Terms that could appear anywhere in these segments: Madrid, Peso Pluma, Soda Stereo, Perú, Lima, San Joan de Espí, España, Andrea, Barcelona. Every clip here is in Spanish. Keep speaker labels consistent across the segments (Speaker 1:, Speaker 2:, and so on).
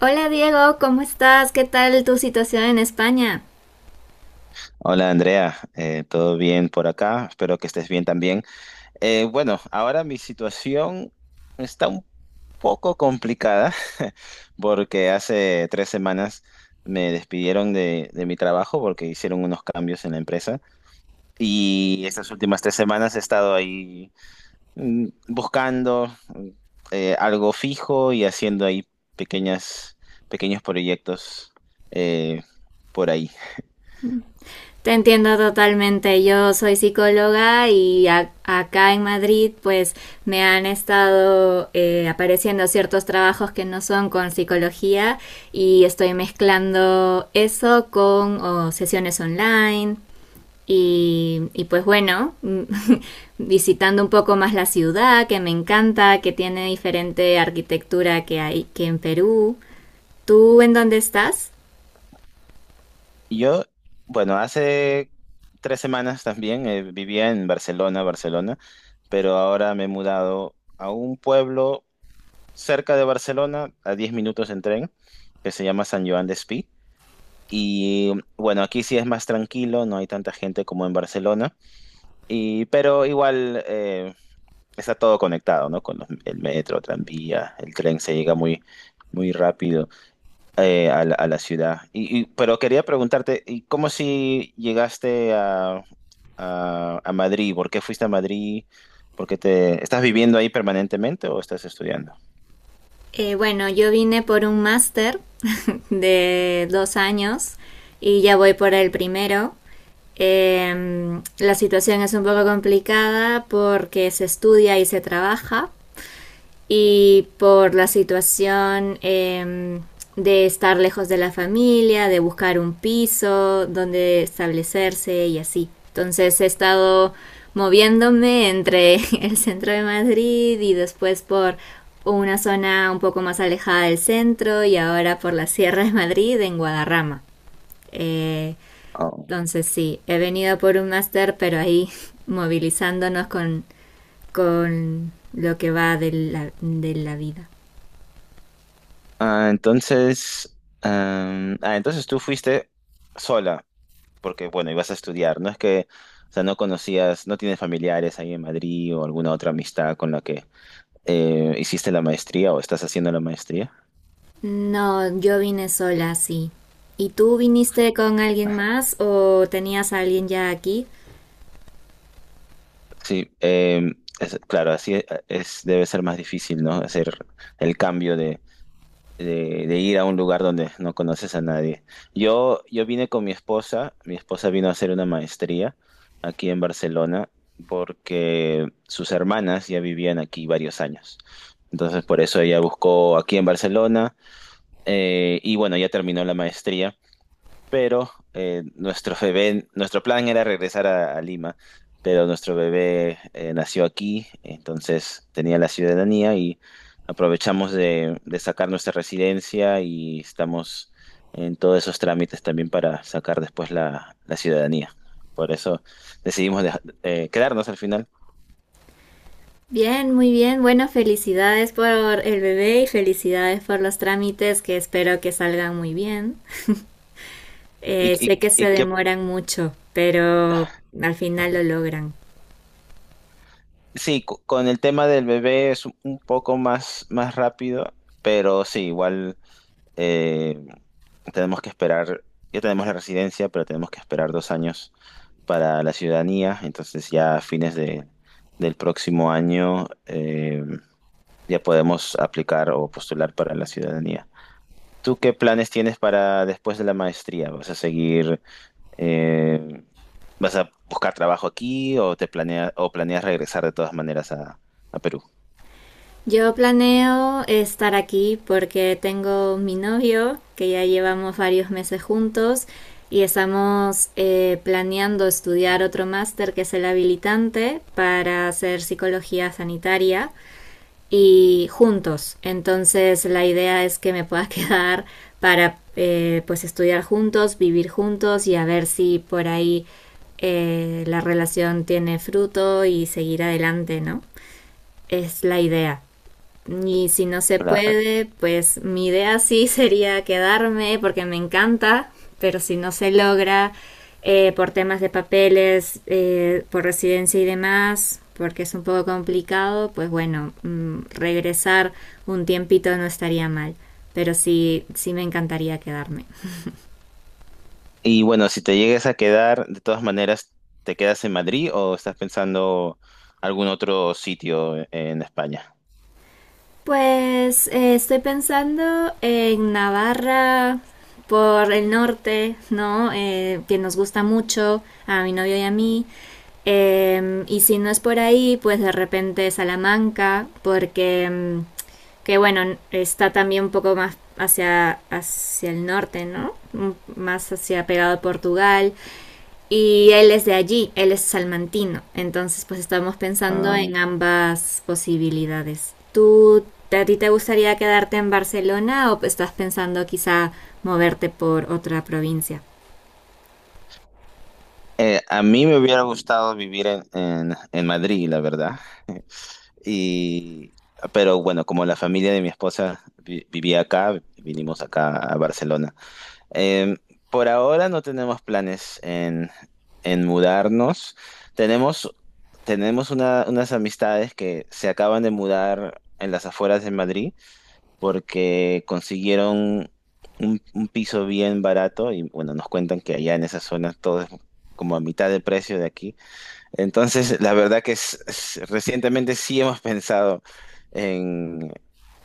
Speaker 1: Hola Diego, ¿cómo estás? ¿Qué tal tu situación en España?
Speaker 2: Hola Andrea, ¿todo bien por acá? Espero que estés bien también. Bueno, ahora mi situación está un poco complicada porque hace 3 semanas me despidieron de mi trabajo porque hicieron unos cambios en la empresa y estas últimas 3 semanas he estado ahí buscando algo fijo y haciendo ahí pequeñas, pequeños proyectos eh, por ahí.
Speaker 1: Te entiendo totalmente. Yo soy psicóloga y acá en Madrid pues me han estado apareciendo ciertos trabajos que no son con psicología y estoy mezclando eso con sesiones online y, pues bueno, visitando un poco más la ciudad que me encanta, que tiene diferente arquitectura que hay que en Perú. ¿Tú en dónde estás?
Speaker 2: Yo, bueno, hace 3 semanas también vivía en Barcelona, pero ahora me he mudado a un pueblo cerca de Barcelona, a 10 minutos en tren, que se llama San Joan de Espí. Y bueno, aquí sí es más tranquilo, no hay tanta gente como en Barcelona, y, pero igual está todo conectado, ¿no? Con el metro, tranvía, el tren se llega muy rápido a a la ciudad. Y, pero quería preguntarte, ¿y cómo si llegaste a Madrid? ¿Por qué fuiste a Madrid? ¿Por qué te estás viviendo ahí permanentemente o estás estudiando?
Speaker 1: Bueno, yo vine por un máster de 2 años y ya voy por el primero. La situación es un poco complicada porque se estudia y se trabaja y por la situación de estar lejos de la familia, de buscar un piso donde establecerse y así. Entonces he estado moviéndome entre el centro de Madrid y después por una zona un poco más alejada del centro y ahora por la Sierra de Madrid en Guadarrama. Eh,
Speaker 2: Oh.
Speaker 1: entonces sí, he venido por un máster, pero ahí movilizándonos con lo que va de de la vida.
Speaker 2: Ah, entonces, ah, entonces tú fuiste sola, porque bueno, ibas a estudiar. No es que, o sea, no conocías, no tienes familiares ahí en Madrid o alguna otra amistad con la que hiciste la maestría o estás haciendo la maestría.
Speaker 1: No, yo vine sola, sí. ¿Y tú viniste con alguien más o tenías a alguien ya aquí?
Speaker 2: Sí, claro, así es, debe ser más difícil, ¿no? Hacer el cambio de ir a un lugar donde no conoces a nadie. Yo vine con mi esposa vino a hacer una maestría aquí en Barcelona porque sus hermanas ya vivían aquí varios años. Entonces, por eso ella buscó aquí en Barcelona y bueno, ya terminó la maestría pero nuestro bebé, nuestro plan era regresar a Lima, pero nuestro bebé nació aquí, entonces tenía la ciudadanía y aprovechamos de sacar nuestra residencia y estamos en todos esos trámites también para sacar después la ciudadanía. Por eso decidimos quedarnos al final.
Speaker 1: Bien, muy bien. Bueno, felicidades por el bebé y felicidades por los trámites que espero que salgan muy bien.
Speaker 2: Y,
Speaker 1: Sé
Speaker 2: y,
Speaker 1: que se
Speaker 2: y que
Speaker 1: demoran mucho, pero al final lo logran.
Speaker 2: sí, con el tema del bebé es un poco más rápido, pero sí, igual. eh, Tenemos que esperar, ya tenemos la residencia, pero tenemos que esperar 2 años para la ciudadanía, entonces ya a fines del próximo año ya podemos aplicar o postular para la ciudadanía. ¿Tú qué planes tienes para después de la maestría? ¿Vas a seguir, eh, vas a buscar trabajo aquí o te planeas regresar de todas maneras a Perú?
Speaker 1: Yo planeo estar aquí porque tengo mi novio, que ya llevamos varios meses juntos, y estamos planeando estudiar otro máster que es el habilitante para hacer psicología sanitaria y juntos. Entonces la idea es que me pueda quedar para pues estudiar juntos, vivir juntos y a ver si por ahí la relación tiene fruto y seguir adelante, ¿no? Es la idea. Y si no se puede, pues mi idea sí sería quedarme porque me encanta, pero si no se logra por temas de papeles, por residencia y demás, porque es un poco complicado, pues bueno, regresar un tiempito no estaría mal, pero sí, sí me encantaría quedarme.
Speaker 2: Y bueno, si te llegues a quedar, de todas maneras, ¿te quedas en Madrid o estás pensando algún otro sitio en España?
Speaker 1: Pues estoy pensando en Navarra por el norte, ¿no? Que nos gusta mucho a mi novio y a mí. Y si no es por ahí, pues de repente Salamanca, porque que bueno, está también un poco más hacia, hacia el norte, ¿no? Más hacia pegado a Portugal. Y él es de allí, él es salmantino. Entonces, pues estamos pensando
Speaker 2: Ah.
Speaker 1: en ambas posibilidades. ¿Tú, a ti te gustaría quedarte en Barcelona o estás pensando quizá moverte por otra provincia?
Speaker 2: A mí me hubiera gustado vivir en Madrid, la verdad. Y, pero bueno, como la familia de mi esposa vivía acá, vinimos acá a Barcelona. Em, por ahora no tenemos planes en mudarnos. Tenemos, tenemos unas amistades que se acaban de mudar en las afueras de Madrid porque consiguieron un piso bien barato y bueno, nos cuentan que allá en esa zona todo es como a mitad de precio de aquí. Entonces, la verdad que recientemente sí hemos pensado en,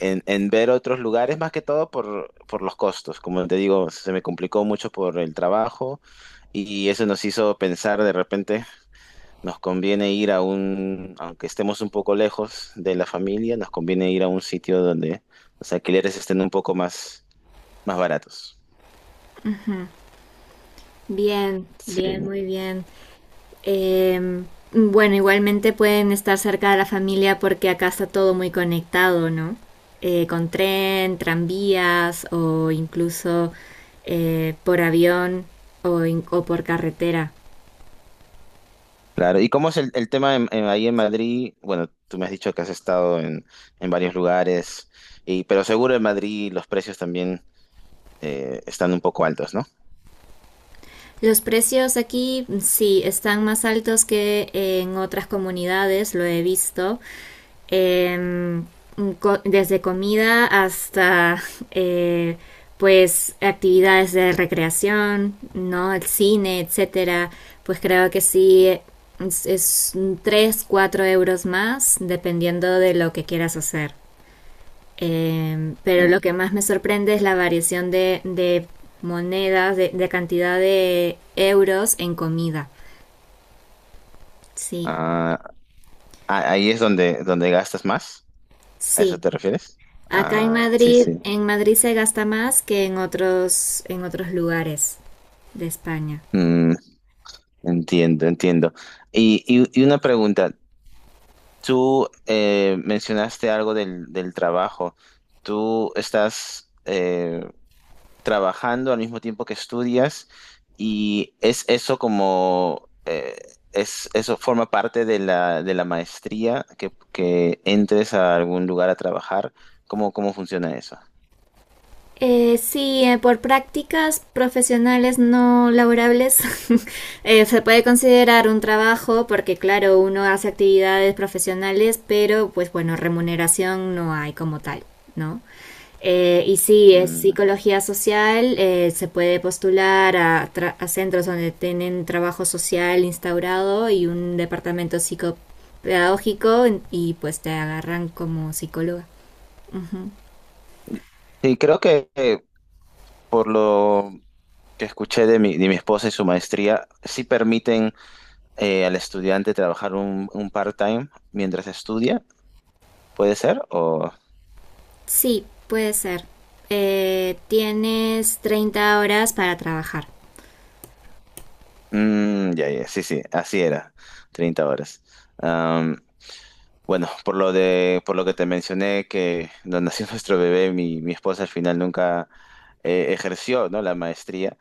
Speaker 2: en ver otros lugares, más que todo por los costos. Como te digo, se me complicó mucho por el trabajo y eso nos hizo pensar de repente, nos conviene ir a un, aunque estemos un poco lejos de la familia, nos conviene ir a un sitio donde los alquileres estén un poco más baratos.
Speaker 1: Bien, bien,
Speaker 2: Sí.
Speaker 1: muy bien. Eh, bueno, igualmente pueden estar cerca de la familia porque acá está todo muy conectado, ¿no? Con tren, tranvías o incluso por avión o por carretera.
Speaker 2: Claro, ¿y cómo es el tema ahí en Madrid? Bueno, tú me has dicho que has estado en varios lugares, y, pero seguro en Madrid los precios también están un poco altos, ¿no?
Speaker 1: Los precios aquí sí están más altos que en otras comunidades, lo he visto. Eh, Desde comida hasta eh, pues actividades de recreación, ¿no? El cine, etcétera. Pues creo que sí es 3, 4 euros más, dependiendo de lo que quieras hacer. Pero
Speaker 2: Mm.
Speaker 1: lo que más me sorprende es la variación de monedas, de, cantidad de euros en comida. Sí,
Speaker 2: Ah, ah, ahí es donde, donde gastas más, ¿a eso
Speaker 1: sí.
Speaker 2: te refieres?
Speaker 1: Acá
Speaker 2: Ah, sí, sí.
Speaker 1: En Madrid se gasta más que en otros lugares de España.
Speaker 2: Mm, entiendo, entiendo. Y, y una pregunta, tú mencionaste algo del trabajo. ¿Tú estás... trabajando al mismo tiempo que estudias y es eso como, eso forma parte de de la maestría, que entres a algún lugar a trabajar. ¿Cómo, cómo funciona eso?
Speaker 1: Sí, por prácticas profesionales no laborables se puede considerar un trabajo porque claro, uno hace actividades profesionales, pero pues bueno, remuneración no hay como tal, ¿no? Y sí, es
Speaker 2: Mm.
Speaker 1: psicología social, se puede postular a, a centros donde tienen trabajo social instaurado y un departamento psicopedagógico y pues te agarran como psicóloga. Ujú.
Speaker 2: Sí, creo que por lo que escuché de mi esposa y su maestría, sí permiten al estudiante trabajar un part-time mientras estudia, ¿puede ser? O...
Speaker 1: Sí, puede ser. Tienes 30 horas para trabajar.
Speaker 2: Mm, ya, ya, sí, sí, así era, 30 horas. Bueno, por lo por lo que te mencioné que donde nació nuestro bebé, mi esposa al final nunca ejerció, ¿no? La maestría,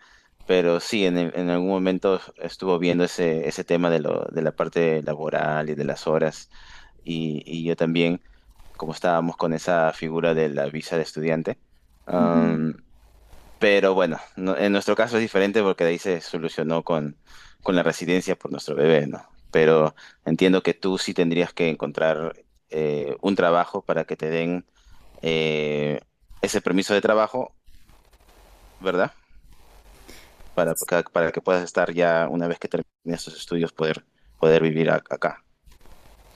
Speaker 2: pero sí, en algún momento estuvo viendo ese tema de lo, de la parte laboral y de las horas, y yo también, como estábamos con esa figura de la visa de estudiante, pero bueno, en nuestro caso es diferente porque de ahí se solucionó con la residencia por nuestro bebé, ¿no? Pero entiendo que tú sí tendrías que encontrar un trabajo para que te den eh, ese permiso de trabajo, ¿verdad? Para para que puedas estar ya, una vez que termines tus estudios, poder, poder vivir acá.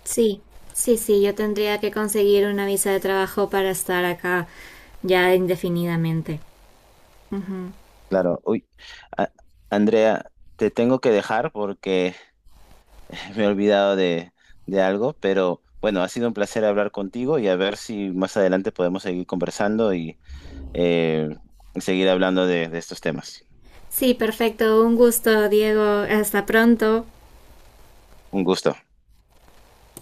Speaker 1: Sí, sí, sí, yo tendría que conseguir una visa de trabajo para estar acá ya indefinidamente. Ujú.
Speaker 2: Claro, uy, a- Andrea, te tengo que dejar porque me he olvidado de algo, pero bueno, ha sido un placer hablar contigo y a ver si más adelante podemos seguir conversando y eh, seguir hablando de estos temas.
Speaker 1: Sí, perfecto, un gusto, Diego. Hasta pronto.
Speaker 2: Un gusto.